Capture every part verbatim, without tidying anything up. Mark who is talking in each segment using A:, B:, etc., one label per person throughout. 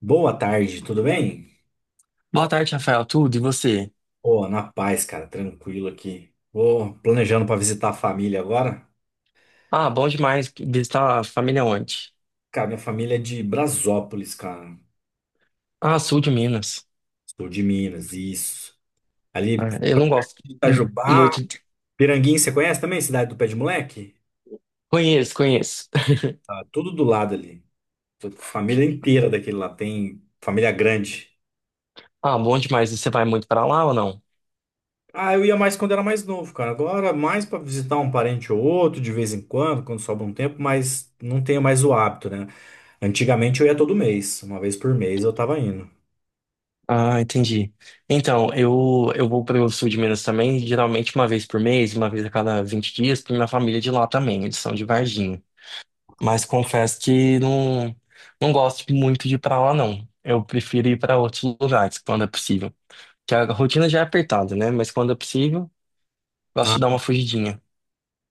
A: Boa tarde, tudo bem?
B: Boa tarde, Rafael. Tudo e você?
A: Pô, na paz, cara, tranquilo aqui. Vou planejando para visitar a família agora.
B: Ah, bom demais visitar a família onde?
A: Cara, minha família é de Brasópolis, cara.
B: Ah, sul de Minas.
A: Sou de Minas, isso. Ali,
B: Ah, eu não gosto mu-
A: Itajubá,
B: muito. de-
A: Piranguinho, você conhece também? Cidade do Pé de Moleque?
B: Conheço, conheço.
A: Tá tudo do lado ali. Tô com família inteira daquele lá, tem família grande.
B: Ah, bom demais. E você vai muito para lá ou não?
A: Ah, eu ia mais quando era mais novo, cara. Agora, mais pra visitar um parente ou outro, de vez em quando, quando sobra um tempo, mas não tenho mais o hábito, né? Antigamente eu ia todo mês, uma vez por mês eu tava indo.
B: Ah, entendi. Então, eu, eu vou para o sul de Minas também, geralmente uma vez por mês, uma vez a cada vinte dias, porque minha família é de lá também, eles são de Varginha. Mas confesso que não, não gosto muito de ir pra lá, não. Eu prefiro ir para outros lugares quando é possível. Que a rotina já é apertada, né? Mas quando é possível. Gosto
A: Ah,
B: de dar uma fugidinha.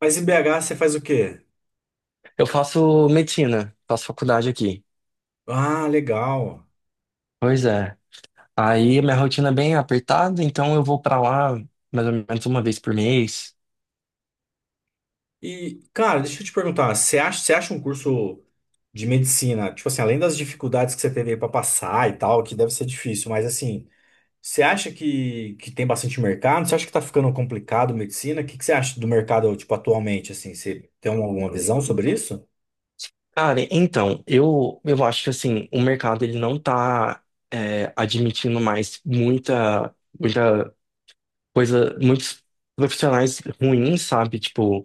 A: mas em B H você faz o quê?
B: Eu faço medicina, faço faculdade aqui.
A: Ah, legal.
B: Pois é. Aí minha rotina é bem apertada, então eu vou pra lá mais ou menos uma vez por mês.
A: E, cara, deixa eu te perguntar, você acha, você acha um curso de medicina, tipo assim, além das dificuldades que você teve aí pra passar e tal, que deve ser difícil, mas assim. Você acha que, que tem bastante mercado? Você acha que tá ficando complicado medicina? O que, que você acha do mercado, tipo, atualmente, assim? Você tem alguma visão sobre isso?
B: Cara, então, eu, eu acho que assim, o mercado ele não tá é, admitindo mais muita, muita coisa, muitos profissionais ruins, sabe? Tipo,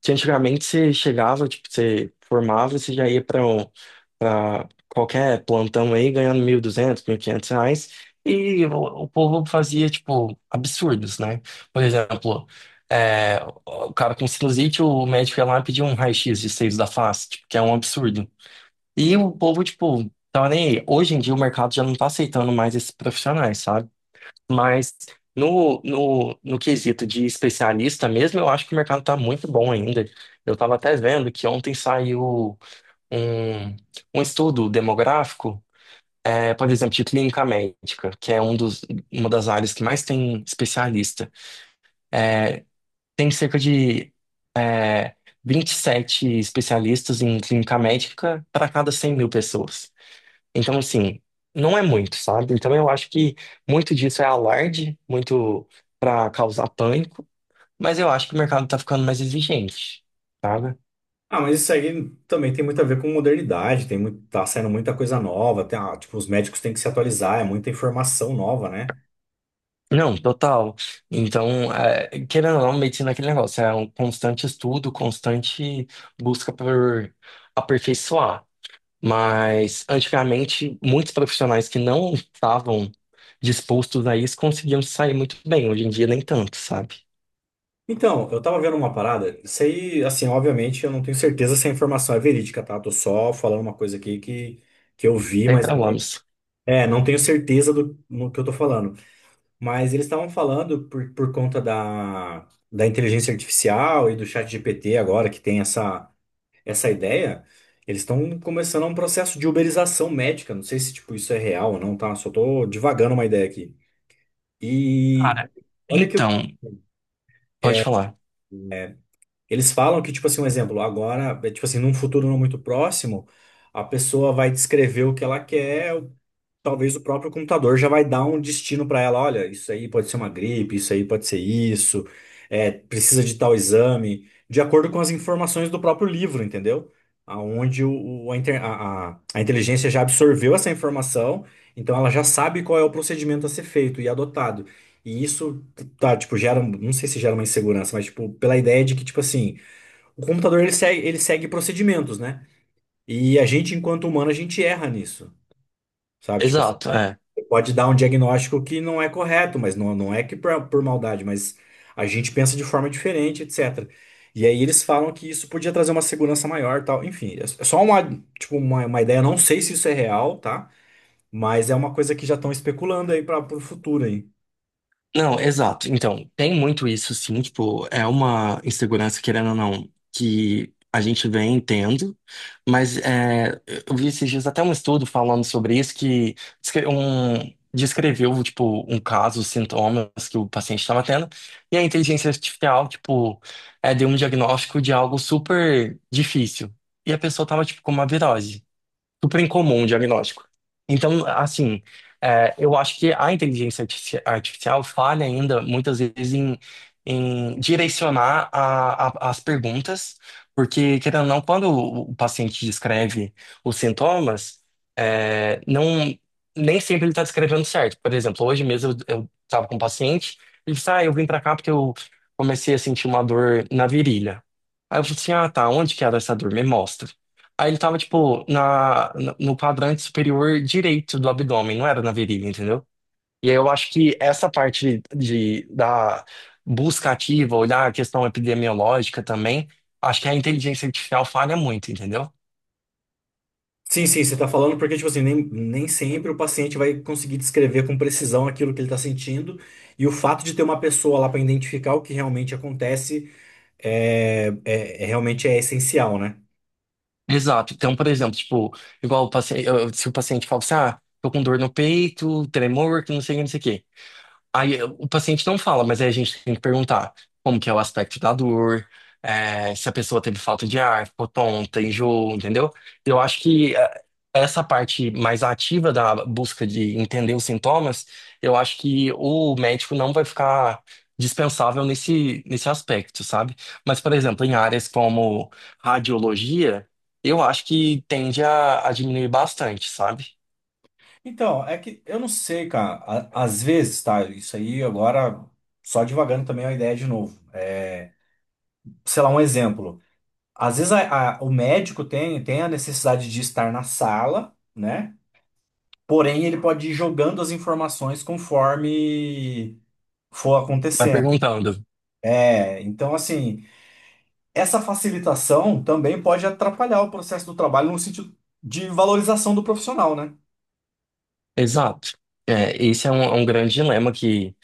B: que antigamente você chegava, tipo, você formava, você já ia para qualquer plantão aí ganhando mil e duzentos, quinhentos reais. E o, o povo fazia, tipo, absurdos, né? Por exemplo, é, o cara com sinusite, o médico ia lá e pedia um raio-x de seios da face, tipo, que é um absurdo. E o povo, tipo, tava nem aí. Hoje em dia o mercado já não tá aceitando mais esses profissionais, sabe? Mas no, no, no quesito de especialista mesmo, eu acho que o mercado tá muito bom ainda. Eu tava até vendo que ontem saiu um, um estudo demográfico é, por exemplo, de clínica médica, que é um dos, uma das áreas que mais tem especialista. Tem cerca de vinte e sete especialistas em clínica médica para cada cem mil pessoas. Então, assim, não é muito, sabe? Então, eu acho que muito disso é alarde, muito para causar pânico, mas eu acho que o mercado está ficando mais exigente, sabe?
A: Ah, mas isso aí também tem muito a ver com modernidade, tem muito, tá saindo muita coisa nova, tem, ah, tipo, os médicos têm que se atualizar, é muita informação nova, né?
B: Não, total. Então, é, querendo ou não, medicina é aquele negócio, é um constante estudo, constante busca por aperfeiçoar. Mas, antigamente, muitos profissionais que não estavam dispostos a isso conseguiam sair muito bem. Hoje em dia, nem tanto, sabe?
A: Então, eu tava vendo uma parada, isso aí, assim, obviamente eu não tenho certeza se a informação é verídica, tá? Tô só falando uma coisa aqui que, que eu vi,
B: Sempre
A: mas
B: problemas.
A: é, não tenho certeza do no que eu tô falando. Mas eles estavam falando por, por conta da, da inteligência artificial e do chat G P T agora, que tem essa, essa ideia, eles estão começando um processo de uberização médica. Não sei se tipo, isso é real ou não, tá? Só tô divagando uma ideia aqui. E
B: Cara,
A: olha que
B: então, pode falar.
A: eles falam que, tipo assim, um exemplo, agora, é, tipo assim, num futuro não muito próximo, a pessoa vai descrever o que ela quer, talvez o próprio computador já vai dar um destino para ela. Olha, isso aí pode ser uma gripe, isso aí pode ser isso, é, precisa de tal exame, de acordo com as informações do próprio livro, entendeu? Aonde o, o- a, inter- a, a- a inteligência já absorveu essa informação, então ela já sabe qual é o procedimento a ser feito e adotado. E isso tá, tipo, gera, não sei se gera uma insegurança, mas tipo, pela ideia de que, tipo assim, o computador ele segue, ele segue procedimentos, né? E a gente, enquanto humano, a gente erra nisso, sabe? Tipo,
B: Exato, é.
A: pode dar um diagnóstico que não é correto, mas não, não é que por, por maldade, mas a gente pensa de forma diferente, et cetera. E aí eles falam que isso podia trazer uma segurança maior, tal. Enfim, é é só uma, tipo, uma, uma ideia, não sei se isso é real, tá? Mas é uma coisa que já estão especulando aí para o futuro aí.
B: Não, exato. Então, tem muito isso, sim. Tipo, é uma insegurança, querendo ou não, que a gente vem tendo. Mas é, eu vi esses dias até um estudo falando sobre isso que descre- um- descreveu, tipo, um caso, os sintomas que o paciente estava tendo. E a inteligência artificial, tipo, é, deu um diagnóstico de algo super difícil. E a pessoa estava, tipo, com uma virose super incomum o diagnóstico. Então, assim, é, eu acho que a inteligência artifici- artificial falha ainda muitas vezes em, em direcionar a- a- as perguntas, porque, querendo ou não, quando o o paciente descreve os sintomas, é, não, nem sempre ele está descrevendo certo. Por exemplo, hoje mesmo eu estava com um paciente, ele disse, ah, eu vim para cá porque eu comecei a sentir uma dor na virilha. Aí eu falei assim, ah, tá, onde que era essa dor? Me mostra. Aí ele tava, tipo, na, na- no quadrante superior direito do abdômen, não era na virilha, entendeu? E aí eu acho que essa parte de, da busca ativa, olhar a questão epidemiológica também, acho que a inteligência artificial falha muito, entendeu?
A: Sim, sim, você está falando porque, tipo assim, nem, nem sempre o paciente vai conseguir descrever com precisão aquilo que ele está sentindo, e o fato de ter uma pessoa lá para identificar o que realmente acontece é, é é- realmente é essencial, né?
B: Exato. Então, por exemplo, tipo, igual o paciente, se o paciente fala assim, ah, tô com dor no peito, tremor, que não sei o que, não sei o quê. Aí eh, o paciente não fala, mas aí a gente tem que perguntar como que é o aspecto da dor, é, se a pessoa teve falta de ar, ficou tonta, enjoou, entendeu? Eu acho que é, essa parte mais ativa da busca de entender os sintomas, eu acho que o médico não vai ficar dispensável nesse, nesse aspecto, sabe? Mas, por exemplo, em áreas como radiologia, eu acho que tende a, a diminuir bastante, sabe?
A: Então, é que eu não sei, cara. A- Às vezes, tá? Isso aí agora, só divagando também a ideia de novo. É, sei lá, um exemplo. Às vezes a- a- o médico tem, tem a necessidade de estar na sala, né? Porém, ele pode ir jogando as informações conforme for
B: Vai
A: acontecendo.
B: perguntando.
A: É, então, assim, essa facilitação também pode atrapalhar o processo do trabalho no sentido de valorização do profissional, né?
B: Exato. É, esse é um, é um grande dilema que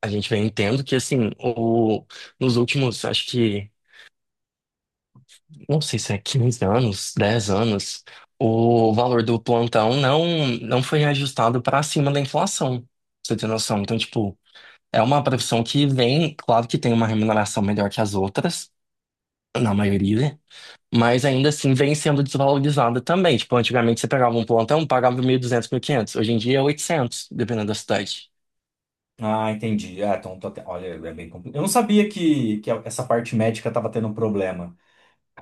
B: a gente vem tendo, que assim, o, nos últimos, acho que, não sei se é quinze anos, dez anos, o valor do plantão não, não foi reajustado para cima da inflação. Pra Você tem noção? Então, tipo, é uma profissão que vem, claro que tem uma remuneração melhor que as outras, na maioria, mas ainda assim vem sendo desvalorizada também. Tipo, antigamente você pegava um plantão, pagava mil e duzentos, quinhentos. Hoje em dia é oitocentos, dependendo da cidade.
A: Ah, entendi. Ah, então, tô até- olha, é bem complicado. Eu não sabia que, que essa parte médica estava tendo problema.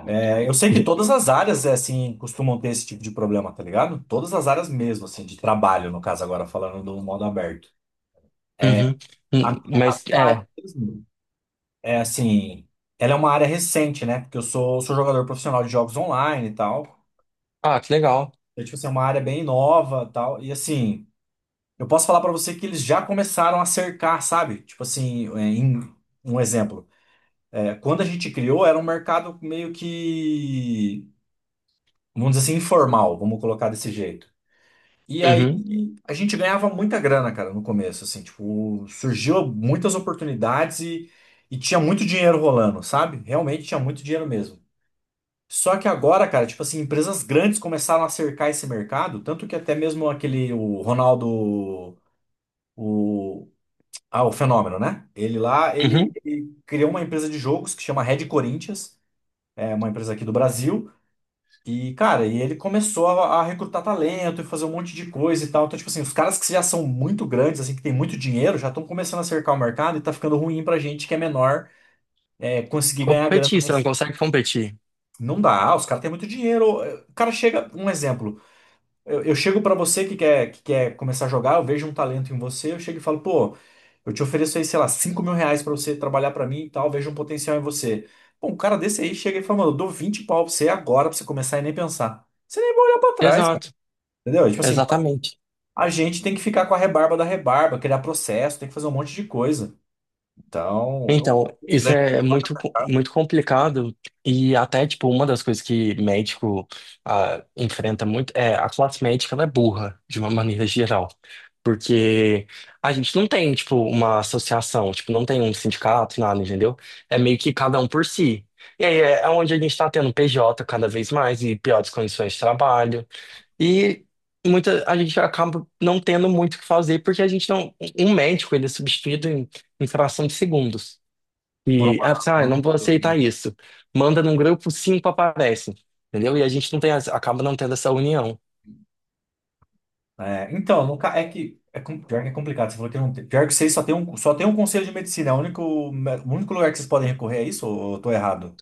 A: É, eu sei que todas as áreas, é, assim, costumam ter esse tipo de problema, tá ligado? Todas as áreas mesmo, assim, de trabalho, no caso, agora falando do modo aberto.
B: Uhum.
A: A
B: Hum,
A: minha a minha
B: Mas
A: área
B: é.
A: mesmo é, assim, ela é uma área recente, né? Porque eu sou, sou jogador profissional de jogos online e tal.
B: Ah, que legal.
A: Então, tipo assim, é uma área bem nova e tal. E, assim, eu posso falar pra você que eles já começaram a cercar, sabe? Tipo assim, é, em, um exemplo. É, quando a gente criou, era um mercado meio que, vamos dizer assim, informal, vamos colocar desse jeito. E aí
B: Uhum.
A: a gente ganhava muita grana, cara, no começo, assim, tipo, surgiu muitas oportunidades e, e tinha muito dinheiro rolando, sabe? Realmente tinha muito dinheiro mesmo. Só que agora, cara, tipo assim, empresas grandes começaram a cercar esse mercado, tanto que até mesmo aquele, o Ronaldo, o, ah, o Fenômeno, né? Ele lá, ele,
B: Uhum.
A: ele criou uma empresa de jogos que chama Red Corinthians, é uma empresa aqui do Brasil. E, cara, e ele começou a, a recrutar talento e fazer um monte de coisa e tal. Então, tipo assim, os caras que já são muito grandes, assim, que tem muito dinheiro, já estão começando a cercar o mercado e tá ficando ruim pra gente que é menor, é, conseguir ganhar grana
B: Competir, você não
A: nesse.
B: consegue competir.
A: Não dá, ah, os caras têm muito dinheiro. O cara chega, um exemplo, eu, eu chego pra você que quer, que quer começar a jogar, eu vejo um talento em você, eu chego e falo, pô, eu te ofereço aí, sei lá, cinco mil reais pra você trabalhar pra mim e tal, vejo um potencial em você. Bom, um cara desse aí chega e fala, mano, eu dou vinte pau pra você agora pra você começar e nem pensar. Você nem vai olhar pra trás.
B: Exato,
A: Entendeu? E, tipo assim, então,
B: exatamente.
A: a gente tem que ficar com a rebarba da rebarba, criar processo, tem que fazer um monte de coisa. Então, é um
B: Então, isso
A: grande
B: é muito,
A: pra
B: co-
A: cá
B: muito complicado e até, tipo, uma das coisas que médico ah, enfrenta muito é a classe médica, ela é burra, de uma maneira geral. Porque a gente não tem, tipo, uma associação, tipo, não tem um sindicato, nada, entendeu? É meio que cada um por si. E aí é onde a gente está tendo P J cada vez mais e piores condições de trabalho. E muita, a gente acaba não tendo muito o que fazer, porque a gente não. Um médico, ele é substituído em, em fração de segundos.
A: por
B: E,
A: uma,
B: ah, você, ah,
A: por
B: eu
A: uma
B: não vou
A: empresa, né?
B: aceitar isso. Manda num grupo, cinco aparecem. Entendeu? E a gente não tem, essa- acaba não tendo essa união.
A: É, então, no, ca- é que é, com- pior que é complicado. Você falou que não tem. Pior que vocês só tem um, só tem um conselho de medicina. É o único, o único lugar que vocês podem recorrer é isso ou eu tô errado?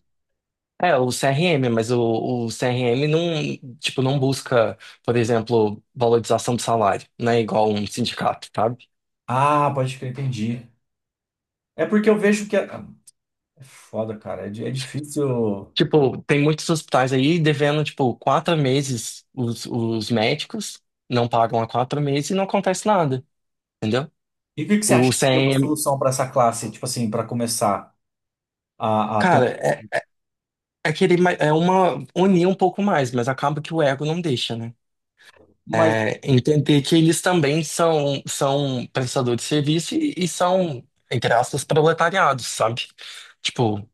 B: É, o C R M, mas o, o C R M não, tipo, não busca, por exemplo, valorização do salário, né? Igual um sindicato, tá?
A: Ah, pode crer, entendi. É porque eu vejo que. É, ah, é foda, cara. É, di- é difícil.
B: Tipo, tem muitos hospitais aí devendo, tipo, quatro meses os, os médicos, não pagam há quatro meses e não acontece nada, entendeu?
A: E o que que você
B: O
A: acha que seria uma
B: C M,
A: solução para essa classe, tipo assim, para começar a, a ter
B: cara, é, é querer ma- é uma unir um pouco mais, mas acaba que o ego não deixa, né?
A: um.
B: É, entender que eles também são, são prestadores de serviço e, e são, entre aspas, proletariados, sabe? Tipo,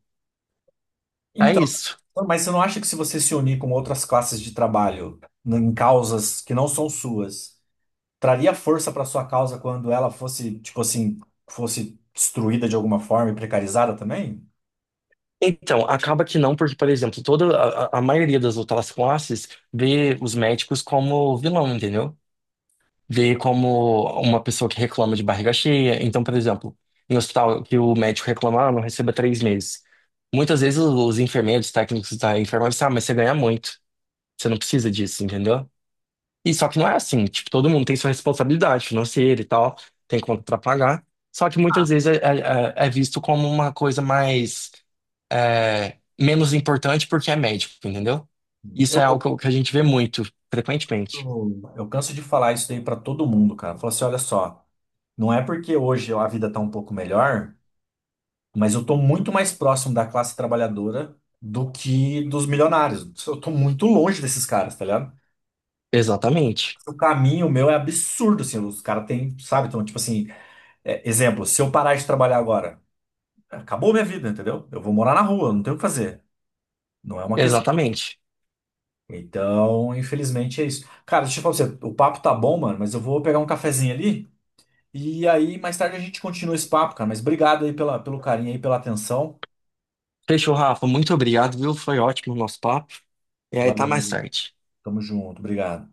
B: é
A: Então,
B: isso.
A: então, mas você não acha que se você se unir com outras classes de trabalho n- em causas que não são suas, traria força para sua causa quando ela fosse, tipo assim, fosse destruída de alguma forma e precarizada também?
B: Então, acaba que não, porque, por exemplo, toda a, a- a maioria das outras classes vê os médicos como vilão, entendeu? Vê como uma pessoa que reclama de barriga cheia. Então, por exemplo, em hospital que o médico reclama, ah, não receba três meses. Muitas vezes os enfermeiros, técnicos da enfermagem, ah, mas você ganha muito. Você não precisa disso, entendeu? E só que não é assim. Tipo, todo mundo tem sua responsabilidade financeira e tal, tem conta pra pagar. Só que muitas vezes é é- é- é visto como uma coisa mais é, menos importante porque é médico, entendeu? Isso
A: Eu,
B: é
A: eu
B: algo que a gente vê muito, frequentemente.
A: Eu canso de falar isso daí pra todo mundo, cara. Falar assim, olha só, não é porque hoje a vida tá um pouco melhor, mas eu tô muito mais próximo da classe trabalhadora do que dos milionários. Eu tô muito longe desses caras, tá ligado?
B: Exatamente.
A: O caminho meu é absurdo, assim, os caras têm, sabe? Então, tipo assim, é, exemplo, se eu parar de trabalhar agora, acabou minha vida, entendeu? Eu vou morar na rua, não tenho o que fazer. Não é uma questão.
B: Exatamente.
A: Então, infelizmente é isso. Cara, deixa eu falar pra você, o papo tá bom, mano, mas eu vou pegar um cafezinho ali. E aí, mais tarde a gente continua esse papo, cara. Mas obrigado aí pela, pelo carinho aí, pela atenção.
B: Fechou, Rafa. Muito obrigado, viu? Foi ótimo o nosso papo. E aí, tá
A: Valeu,
B: mais
A: Maria.
B: tarde.
A: Tamo junto. Obrigado.